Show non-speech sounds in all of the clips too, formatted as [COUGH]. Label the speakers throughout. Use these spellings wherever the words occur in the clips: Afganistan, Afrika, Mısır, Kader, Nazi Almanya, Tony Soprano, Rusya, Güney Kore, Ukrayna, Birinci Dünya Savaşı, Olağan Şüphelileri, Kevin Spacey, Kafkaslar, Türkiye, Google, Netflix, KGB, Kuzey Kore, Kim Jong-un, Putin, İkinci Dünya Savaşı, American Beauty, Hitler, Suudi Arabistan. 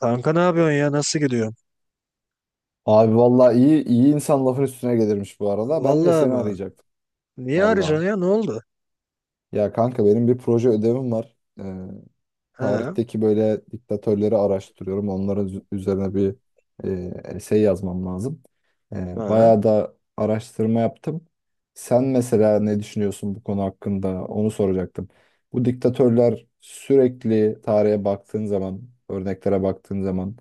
Speaker 1: Kanka ne yapıyorsun ya? Nasıl gidiyor?
Speaker 2: Abi vallahi iyi iyi insan lafın üstüne gelirmiş bu arada. Ben de
Speaker 1: Vallahi
Speaker 2: seni
Speaker 1: mı?
Speaker 2: arayacaktım
Speaker 1: Niye
Speaker 2: vallahi.
Speaker 1: arayacaksın ya? Ne oldu?
Speaker 2: Ya kanka benim bir proje ödevim var.
Speaker 1: Ha?
Speaker 2: Tarihteki böyle diktatörleri araştırıyorum. Onların üzerine bir essay yazmam lazım.
Speaker 1: Ha?
Speaker 2: Bayağı da araştırma yaptım. Sen mesela ne düşünüyorsun bu konu hakkında? Onu soracaktım. Bu diktatörler sürekli tarihe baktığın zaman, örneklere baktığın zaman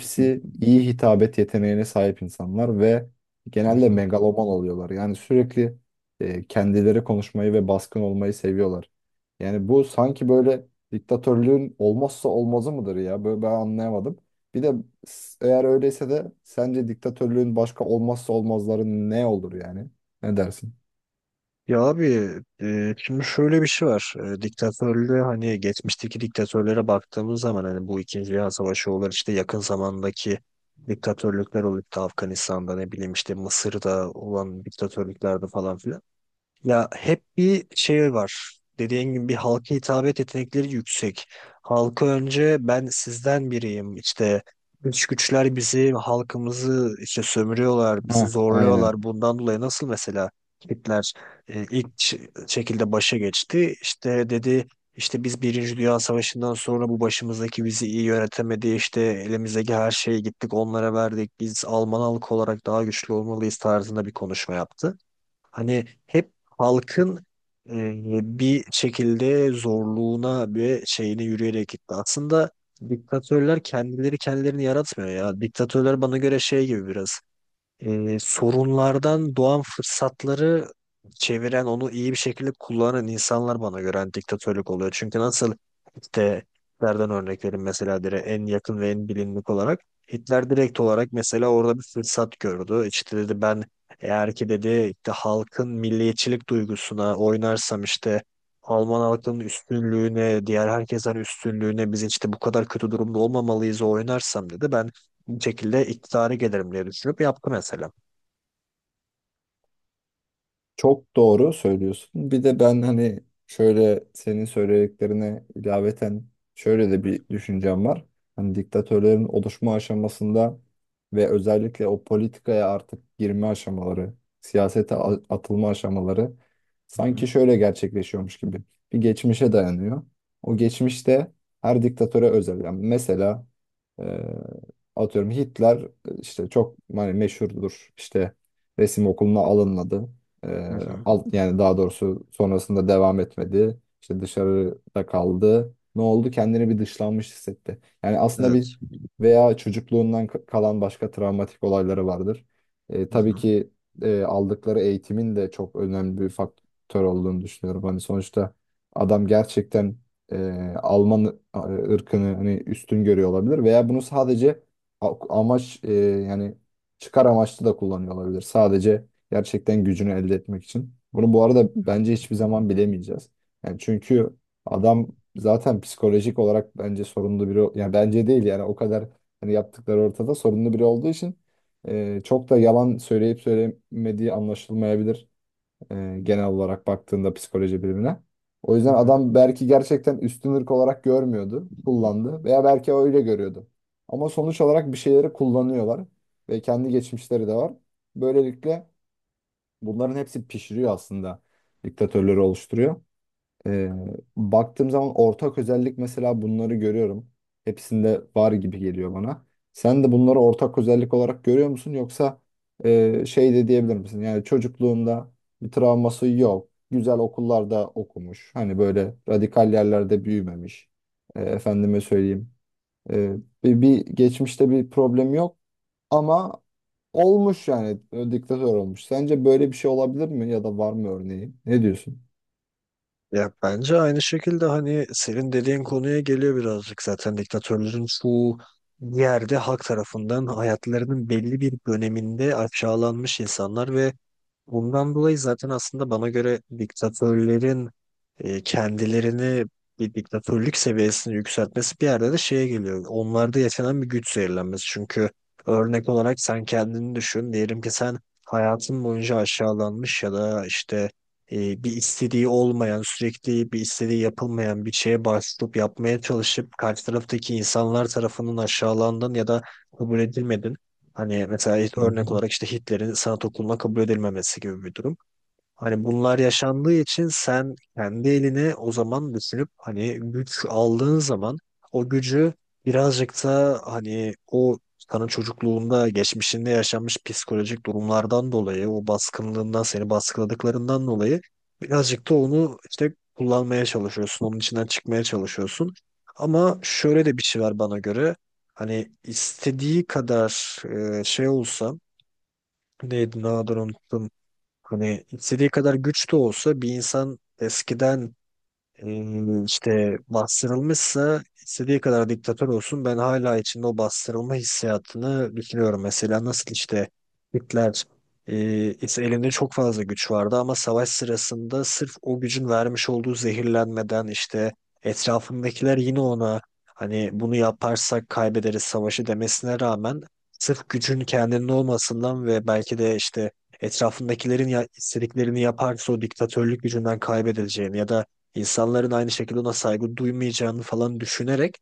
Speaker 1: Hı hı.
Speaker 2: iyi hitabet yeteneğine sahip insanlar ve genelde
Speaker 1: Hı.
Speaker 2: megaloman oluyorlar. Yani sürekli kendileri konuşmayı ve baskın olmayı seviyorlar. Yani bu sanki böyle diktatörlüğün olmazsa olmazı mıdır ya? Böyle ben anlayamadım. Bir de eğer öyleyse de sence diktatörlüğün başka olmazsa olmazları ne olur yani? Ne dersin?
Speaker 1: Ya abi, şimdi şöyle bir şey var. Diktatörlüğe hani geçmişteki diktatörlere baktığımız zaman hani bu İkinci Dünya Savaşı olur, işte yakın zamandaki diktatörlükler olup da Afganistan'da, ne bileyim, işte Mısır'da olan diktatörlüklerde falan filan. Ya hep bir şey var. Dediğin gibi bir halka hitabet yetenekleri yüksek. Halka önce ben sizden biriyim. İşte dış güçler bizi, halkımızı işte sömürüyorlar, bizi
Speaker 2: Ha, aynen.
Speaker 1: zorluyorlar. Bundan dolayı nasıl, mesela Hitler, e, ilk ş- şekilde başa geçti. İşte dedi, işte biz Birinci Dünya Savaşı'ndan sonra bu başımızdaki bizi iyi yönetemedi. İşte elimizdeki her şeyi gittik onlara verdik. Biz Alman halkı olarak daha güçlü olmalıyız tarzında bir konuşma yaptı. Hani hep halkın e, bir şekilde zorluğuna ve şeyine yürüyerek gitti. Aslında diktatörler kendileri kendilerini yaratmıyor ya. Diktatörler bana göre şey gibi biraz, sorunlardan doğan fırsatları çeviren, onu iyi bir şekilde kullanan insanlar bana göre hani diktatörlük oluyor. Çünkü nasıl, işte Hitler'den örnek verin mesela, direkt en yakın ve en bilinlik olarak Hitler direkt olarak mesela orada bir fırsat gördü. İşte dedi ben, eğer ki dedi işte halkın milliyetçilik duygusuna oynarsam, işte Alman halkının üstünlüğüne, diğer herkesten üstünlüğüne, biz işte bu kadar kötü durumda olmamalıyız oynarsam dedi, ben bir şekilde iktidara gelirim diye düşünüp yaptı mesela.
Speaker 2: Çok doğru söylüyorsun. Bir de ben hani şöyle senin söylediklerine ilaveten şöyle de bir düşüncem var. Hani diktatörlerin oluşma aşamasında ve özellikle o politikaya artık girme aşamaları, siyasete atılma aşamaları
Speaker 1: Hı
Speaker 2: sanki
Speaker 1: hı.
Speaker 2: şöyle gerçekleşiyormuş gibi. Bir geçmişe dayanıyor. O geçmişte her diktatöre özel. Yani mesela e, atıyorum Hitler işte çok hani meşhurdur. İşte resim okuluna alınmadı.
Speaker 1: Hı
Speaker 2: Ee,
Speaker 1: hı.
Speaker 2: Alt yani daha doğrusu sonrasında devam etmedi. İşte dışarıda kaldı. Ne oldu? Kendini bir dışlanmış hissetti. Yani aslında bir
Speaker 1: Evet.
Speaker 2: veya çocukluğundan kalan başka travmatik olayları vardır.
Speaker 1: Hı
Speaker 2: Tabii
Speaker 1: hı.
Speaker 2: ki aldıkları eğitimin de çok önemli bir faktör olduğunu düşünüyorum. Hani sonuçta adam gerçekten Alman ırkını hani üstün görüyor olabilir veya bunu sadece amaç yani çıkar amaçlı da kullanıyor olabilir. Sadece gerçekten gücünü elde etmek için. Bunu bu arada bence hiçbir zaman bilemeyeceğiz. Yani çünkü adam zaten psikolojik olarak bence sorunlu biri. Yani bence değil yani o kadar hani yaptıkları ortada sorunlu biri olduğu için çok da yalan söyleyip söylemediği anlaşılmayabilir genel olarak baktığında psikoloji bilimine. O
Speaker 1: Hı
Speaker 2: yüzden
Speaker 1: hı.
Speaker 2: adam belki gerçekten üstün ırk olarak görmüyordu, kullandı veya belki öyle görüyordu. Ama sonuç olarak bir şeyleri kullanıyorlar ve kendi geçmişleri de var. Böylelikle bunların hepsi pişiriyor aslında. Diktatörleri oluşturuyor. Ee, Baktığım zaman ortak özellik mesela bunları görüyorum. Hepsinde var gibi geliyor bana. Sen de bunları ortak özellik olarak görüyor musun? Yoksa şey de diyebilir misin? Yani çocukluğunda bir travması yok. Güzel okullarda okumuş. Hani böyle radikal yerlerde büyümemiş. Efendime söyleyeyim. E, bir geçmişte bir problem yok. Ama olmuş yani diktatör olmuş. Sence böyle bir şey olabilir mi ya da var mı örneği? Ne diyorsun?
Speaker 1: Ya bence aynı şekilde hani senin dediğin konuya geliyor birazcık, zaten diktatörlerin çoğu bir yerde halk tarafından hayatlarının belli bir döneminde aşağılanmış insanlar. Ve bundan dolayı zaten aslında bana göre diktatörlerin kendilerini, bir diktatörlük seviyesini yükseltmesi bir yerde de şeye geliyor. Onlarda yaşanan bir güç zehirlenmesi. Çünkü örnek olarak sen kendini düşün. Diyelim ki sen hayatın boyunca aşağılanmış ya da işte bir istediği olmayan, sürekli bir istediği yapılmayan, bir şeye başvurup yapmaya çalışıp karşı taraftaki insanlar tarafından aşağılandın ya da kabul edilmedin. Hani mesela
Speaker 2: Hı
Speaker 1: örnek
Speaker 2: hı.
Speaker 1: olarak işte Hitler'in sanat okuluna kabul edilmemesi gibi bir durum. Hani bunlar yaşandığı için sen kendi eline o zaman düşünüp, hani güç aldığın zaman o gücü, birazcık da hani o sana çocukluğunda, geçmişinde yaşanmış psikolojik durumlardan dolayı, o baskınlığından, seni baskıladıklarından dolayı birazcık da onu işte kullanmaya çalışıyorsun. Onun içinden çıkmaya çalışıyorsun. Ama şöyle de bir şey var bana göre. Hani istediği kadar şey olsa, neydi, ne adını unuttum, hani istediği kadar güç de olsa bir insan eskiden işte bastırılmışsa, istediği kadar diktatör olsun, ben hala içinde o bastırılma hissiyatını düşünüyorum. Mesela nasıl işte Hitler işte elinde çok fazla güç vardı ama savaş sırasında sırf o gücün vermiş olduğu zehirlenmeden, işte etrafındakiler yine ona, hani bunu yaparsak kaybederiz savaşı demesine rağmen, sırf gücün kendinin olmasından ve belki de işte etrafındakilerin istediklerini yaparsa o diktatörlük gücünden kaybedileceğini ya da insanların aynı şekilde ona saygı duymayacağını falan düşünerek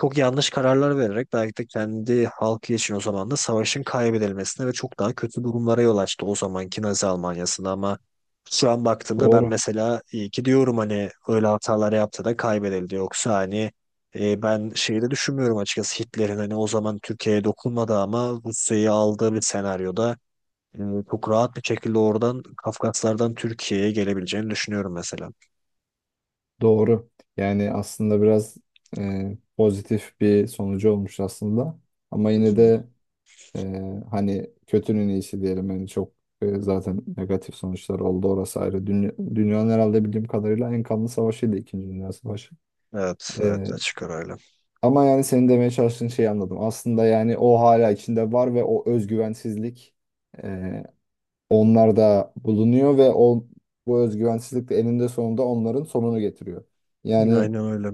Speaker 1: çok yanlış kararlar vererek, belki de kendi halkı için o zaman da savaşın kaybedilmesine ve çok daha kötü durumlara yol açtı o zamanki Nazi Almanya'sında. Ama şu an baktığımda ben
Speaker 2: Doğru.
Speaker 1: mesela iyi ki diyorum, hani öyle hatalar yaptı da kaybedildi, yoksa hani ben şeyi de düşünmüyorum açıkçası, Hitler'in hani o zaman Türkiye'ye dokunmadı ama Rusya'yı aldığı bir senaryoda e, çok rahat bir şekilde oradan Kafkaslardan Türkiye'ye gelebileceğini düşünüyorum mesela.
Speaker 2: Doğru. Yani aslında biraz pozitif bir sonucu olmuş aslında. Ama
Speaker 1: Hı
Speaker 2: yine
Speaker 1: hı.
Speaker 2: de e, hani kötünün iyisi diyelim. Yani çok zaten negatif sonuçlar oldu orası ayrı. Dünyanın herhalde bildiğim kadarıyla en kanlı savaşıydı İkinci Dünya Savaşı.
Speaker 1: Evet, evet,
Speaker 2: E,
Speaker 1: açık arayla.
Speaker 2: Ama yani senin demeye çalıştığın şeyi anladım. Aslında yani o hala içinde var ve o özgüvensizlik e, onlarda bulunuyor ve o bu özgüvensizlik de eninde sonunda onların sonunu getiriyor. Yani
Speaker 1: Aynen öyle.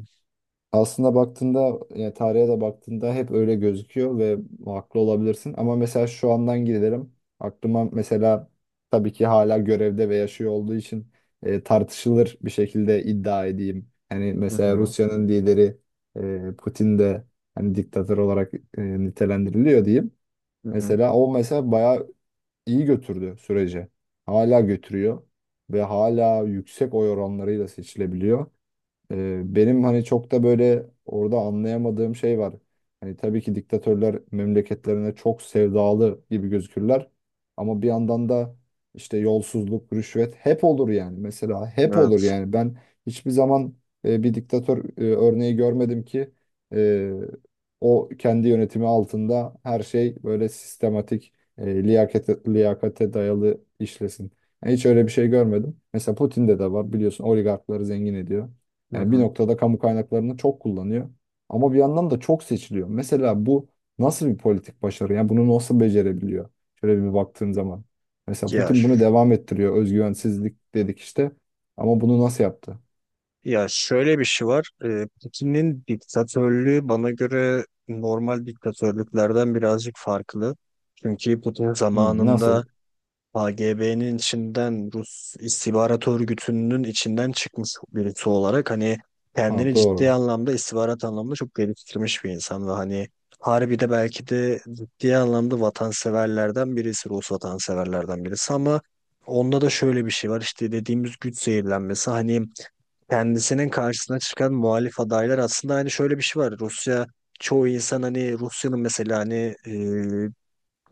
Speaker 2: aslında baktığında yani tarihe de baktığında hep öyle gözüküyor ve haklı olabilirsin. Ama mesela şu andan gidelim. Aklıma mesela tabii ki hala görevde ve yaşıyor olduğu için tartışılır bir şekilde iddia edeyim. Hani
Speaker 1: Hı
Speaker 2: mesela
Speaker 1: hı,
Speaker 2: Rusya'nın lideri Putin de hani diktatör olarak nitelendiriliyor diyeyim.
Speaker 1: hı hı.
Speaker 2: Mesela o mesela bayağı iyi götürdü süreci. Hala götürüyor ve hala yüksek oy oranlarıyla seçilebiliyor. Benim hani çok da böyle orada anlayamadığım şey var. Hani tabii ki diktatörler memleketlerine çok sevdalı gibi gözükürler. Ama bir yandan da işte yolsuzluk, rüşvet hep olur yani. Mesela hep olur
Speaker 1: Evet.
Speaker 2: yani. Ben hiçbir zaman bir diktatör örneği görmedim ki e, o kendi yönetimi altında her şey böyle sistematik, liyakate dayalı işlesin. Yani hiç öyle bir şey görmedim. Mesela Putin'de de var biliyorsun oligarkları zengin ediyor.
Speaker 1: Hı
Speaker 2: Yani bir
Speaker 1: hı.
Speaker 2: noktada kamu kaynaklarını çok kullanıyor. Ama bir yandan da çok seçiliyor. Mesela bu nasıl bir politik başarı? Yani bunu nasıl becerebiliyor? Şöyle bir baktığın zaman. Mesela
Speaker 1: Ya,
Speaker 2: Putin
Speaker 1: ş-
Speaker 2: bunu devam ettiriyor. Özgüvensizlik dedik işte. Ama bunu nasıl yaptı?
Speaker 1: Ya şöyle bir şey var. Putin'in diktatörlüğü bana göre normal diktatörlüklerden birazcık farklı. Çünkü Putin
Speaker 2: Hmm,
Speaker 1: zamanında
Speaker 2: nasıl?
Speaker 1: KGB'nin içinden, Rus istihbarat örgütünün içinden çıkmış birisi olarak hani
Speaker 2: Ha
Speaker 1: kendini ciddi
Speaker 2: doğru.
Speaker 1: anlamda istihbarat anlamında çok geliştirmiş bir insan ve hani harbi de belki de ciddi anlamda vatanseverlerden birisi, Rus vatanseverlerden birisi. Ama onda da şöyle bir şey var, işte dediğimiz güç zehirlenmesi. Hani kendisinin karşısına çıkan muhalif adaylar, aslında hani şöyle bir şey var: Rusya, çoğu insan hani Rusya'nın, mesela hani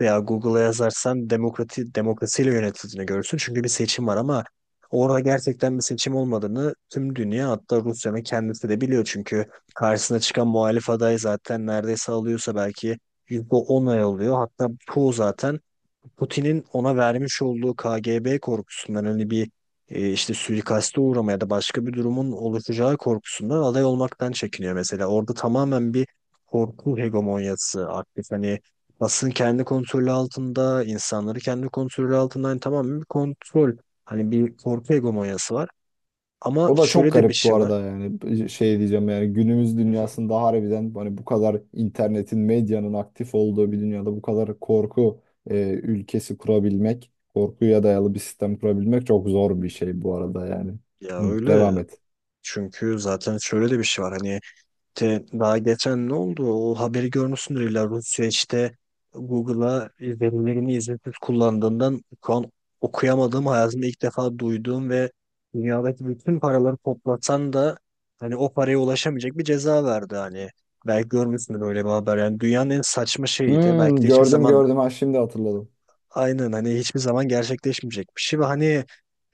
Speaker 1: veya Google'a yazarsan demokrati, demokrasiyle yönetildiğini görürsün. Çünkü bir seçim var, ama orada gerçekten bir seçim olmadığını tüm dünya, hatta Rusya'nın kendisi de biliyor. Çünkü karşısına çıkan muhalif aday zaten neredeyse, alıyorsa belki %10 oy alıyor. Hatta çoğu zaten Putin'in ona vermiş olduğu KGB korkusundan, hani bir işte suikaste uğramaya da başka bir durumun oluşacağı korkusundan aday olmaktan çekiniyor mesela. Orada tamamen bir korku hegemonyası aktif. Hani basın kendi kontrolü altında, insanları kendi kontrolü altında, hani tamamen bir kontrol, hani bir korku hegemonyası var. Ama
Speaker 2: O da çok
Speaker 1: şöyle de bir
Speaker 2: garip bu
Speaker 1: şey var.
Speaker 2: arada yani şey diyeceğim yani günümüz
Speaker 1: Hı hı.
Speaker 2: dünyasında harbiden hani bu kadar internetin medyanın aktif olduğu bir dünyada bu kadar korku ülkesi kurabilmek korkuya dayalı bir sistem kurabilmek çok zor bir şey bu arada yani.
Speaker 1: Ya
Speaker 2: Hı,
Speaker 1: öyle.
Speaker 2: devam et.
Speaker 1: Çünkü zaten şöyle de bir şey var. Hani işte daha geçen ne oldu? O haberi görmüşsündür illa. Rusya işte Google'a, verilerini izinsiz kullandığından şu an okuyamadığım, hayatımda ilk defa duyduğum ve dünyadaki bütün paraları toplasan da hani o paraya ulaşamayacak bir ceza verdi hani. Belki görmüşsündür öyle bir haber. Yani dünyanın en saçma şeyiydi. Belki
Speaker 2: Hmm,
Speaker 1: de hiçbir
Speaker 2: gördüm
Speaker 1: zaman,
Speaker 2: gördüm ha şimdi hatırladım.
Speaker 1: aynen, hani hiçbir zaman gerçekleşmeyecek bir şey. Ve hani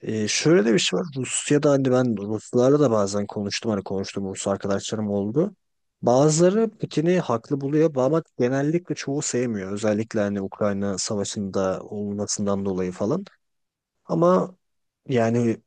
Speaker 1: şöyle de bir şey var Rusya'da, hani ben Ruslarla da bazen konuştum, hani konuştum, Rus arkadaşlarım oldu. Bazıları Putin'i haklı buluyor ama genellikle çoğu sevmiyor. Özellikle hani Ukrayna savaşında olmasından dolayı falan. Ama yani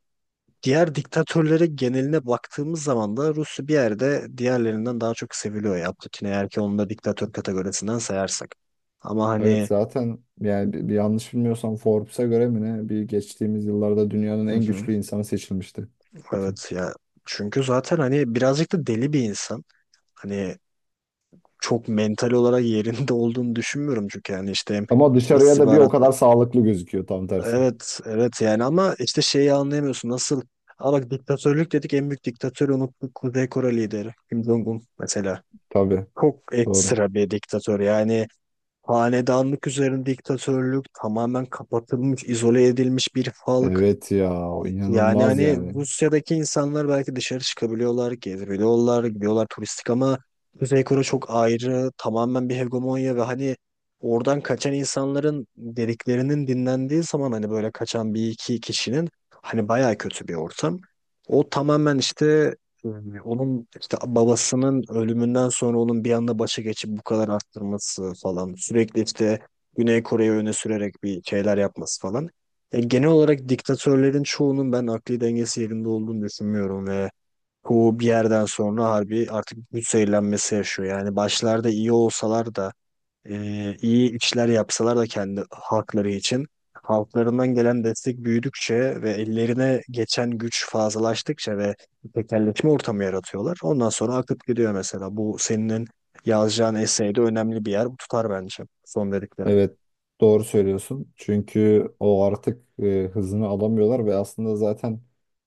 Speaker 1: diğer diktatörlere, geneline baktığımız zaman da Rusya bir yerde diğerlerinden daha çok seviliyor ya Putin, eğer ki onu da diktatör kategorisinden sayarsak. Ama
Speaker 2: Evet
Speaker 1: hani
Speaker 2: zaten yani bir yanlış bilmiyorsam Forbes'a göre mi ne bir geçtiğimiz yıllarda dünyanın en güçlü
Speaker 1: [LAUGHS]
Speaker 2: insanı seçilmişti Putin.
Speaker 1: evet ya, çünkü zaten hani birazcık da deli bir insan. Hani çok mental olarak yerinde [LAUGHS] olduğunu düşünmüyorum çünkü yani işte hem
Speaker 2: Ama dışarıya da bir o
Speaker 1: istihbarat,
Speaker 2: kadar sağlıklı gözüküyor tam tersi.
Speaker 1: evet evet, yani ama işte şeyi anlayamıyorsun nasıl. Aa bak, diktatörlük dedik, en büyük diktatörü unuttuk: Kuzey Kore lideri Kim Jong-un mesela.
Speaker 2: Tabii
Speaker 1: Çok
Speaker 2: doğru.
Speaker 1: ekstra bir diktatör yani, hanedanlık üzerine diktatörlük, tamamen kapatılmış, izole edilmiş bir halk.
Speaker 2: Evet ya o
Speaker 1: Yani
Speaker 2: inanılmaz
Speaker 1: hani
Speaker 2: yani.
Speaker 1: Rusya'daki insanlar belki dışarı çıkabiliyorlar, gezebiliyorlar, gidiyorlar turistik, ama Kuzey Kore çok ayrı, tamamen bir hegemonya. Ve hani oradan kaçan insanların dediklerinin dinlendiği zaman, hani böyle kaçan bir iki kişinin, hani bayağı kötü bir ortam. O tamamen işte e, onun işte babasının ölümünden sonra onun bir anda başa geçip bu kadar arttırması falan, sürekli işte Güney Kore'yi öne sürerek bir şeyler yapması falan. Ya genel olarak diktatörlerin çoğunun ben akli dengesi yerinde olduğunu düşünmüyorum ve bu bir yerden sonra harbi artık güç zehirlenmesi yaşıyor. Yani başlarda iyi olsalar da, iyi işler yapsalar da kendi halkları için, halklarından gelen destek büyüdükçe ve ellerine geçen güç fazlalaştıkça ve tekelleşme ortamı yaratıyorlar. Ondan sonra akıp gidiyor mesela. Bu senin yazacağın eseyde önemli bir yer. Bu tutar bence, son dediklerim.
Speaker 2: Evet doğru söylüyorsun. Çünkü o artık hızını alamıyorlar ve aslında zaten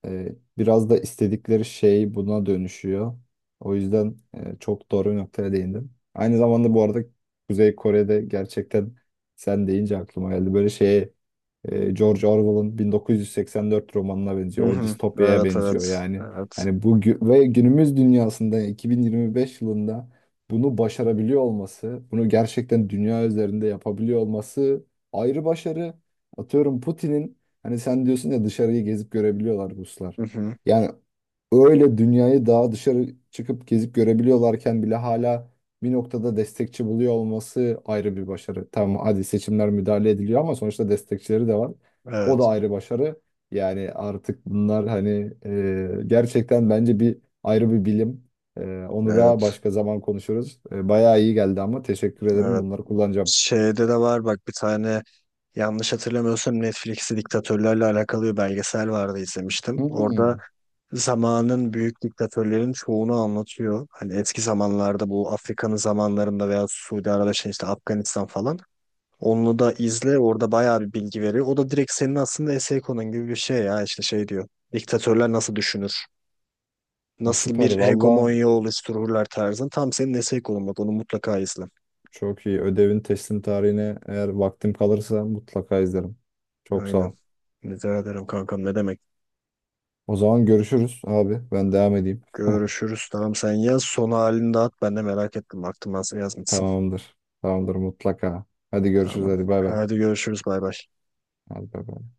Speaker 2: biraz da istedikleri şey buna dönüşüyor. O yüzden çok doğru bir noktaya değindin. Aynı zamanda bu arada Kuzey Kore'de gerçekten sen deyince aklıma geldi. Böyle şeye George Orwell'ın 1984 romanına
Speaker 1: Hı
Speaker 2: benziyor. O
Speaker 1: hı.
Speaker 2: distopyaya
Speaker 1: Evet evet.
Speaker 2: benziyor yani.
Speaker 1: Evet.
Speaker 2: Hani bu ve günümüz dünyasında 2025 yılında bunu başarabiliyor olması, bunu gerçekten dünya üzerinde yapabiliyor olması ayrı başarı. Atıyorum Putin'in hani sen diyorsun ya dışarıyı gezip görebiliyorlar Ruslar.
Speaker 1: Hı hı.
Speaker 2: Yani öyle dünyayı daha dışarı çıkıp gezip görebiliyorlarken bile hala bir noktada destekçi buluyor olması ayrı bir başarı. Tamam hadi seçimler müdahale ediliyor ama sonuçta destekçileri de var. O da
Speaker 1: Evet,
Speaker 2: ayrı başarı. Yani artık bunlar hani gerçekten bence bir ayrı bir bilim. Onu da
Speaker 1: evet,
Speaker 2: başka zaman konuşuruz. Bayağı iyi geldi ama teşekkür ederim.
Speaker 1: evet.
Speaker 2: Bunları kullanacağım.
Speaker 1: Şeyde de var bak, bir tane, yanlış hatırlamıyorsam Netflix'te diktatörlerle alakalı bir belgesel vardı, izlemiştim. Orada
Speaker 2: Hmm,
Speaker 1: zamanın büyük diktatörlerin çoğunu anlatıyor. Hani eski zamanlarda, bu Afrika'nın zamanlarında veya Suudi Arabistan, işte Afganistan falan. Onu da izle, orada bayağı bir bilgi veriyor. O da direkt senin aslında essay konun gibi bir şey ya, işte şey diyor: diktatörler nasıl düşünür?
Speaker 2: o
Speaker 1: Nasıl
Speaker 2: süper.
Speaker 1: bir
Speaker 2: Valla
Speaker 1: hegemonya oluştururlar tarzın. Tam senin essay konun, bak onu mutlaka izle.
Speaker 2: çok iyi. Ödevin teslim tarihine eğer vaktim kalırsa mutlaka izlerim. Çok sağ
Speaker 1: Aynen.
Speaker 2: ol.
Speaker 1: Rica ederim kankam, ne demek.
Speaker 2: O zaman görüşürüz abi. Ben devam edeyim. [LAUGHS]
Speaker 1: Görüşürüz. Tamam sen yaz. Son halini de at. Ben de merak ettim, baktım nasıl yazmışsın.
Speaker 2: Tamamdır. Tamamdır mutlaka. Hadi görüşürüz.
Speaker 1: Tamam.
Speaker 2: Hadi bay bay.
Speaker 1: Hadi görüşürüz. Bay bay.
Speaker 2: Hadi bay bay.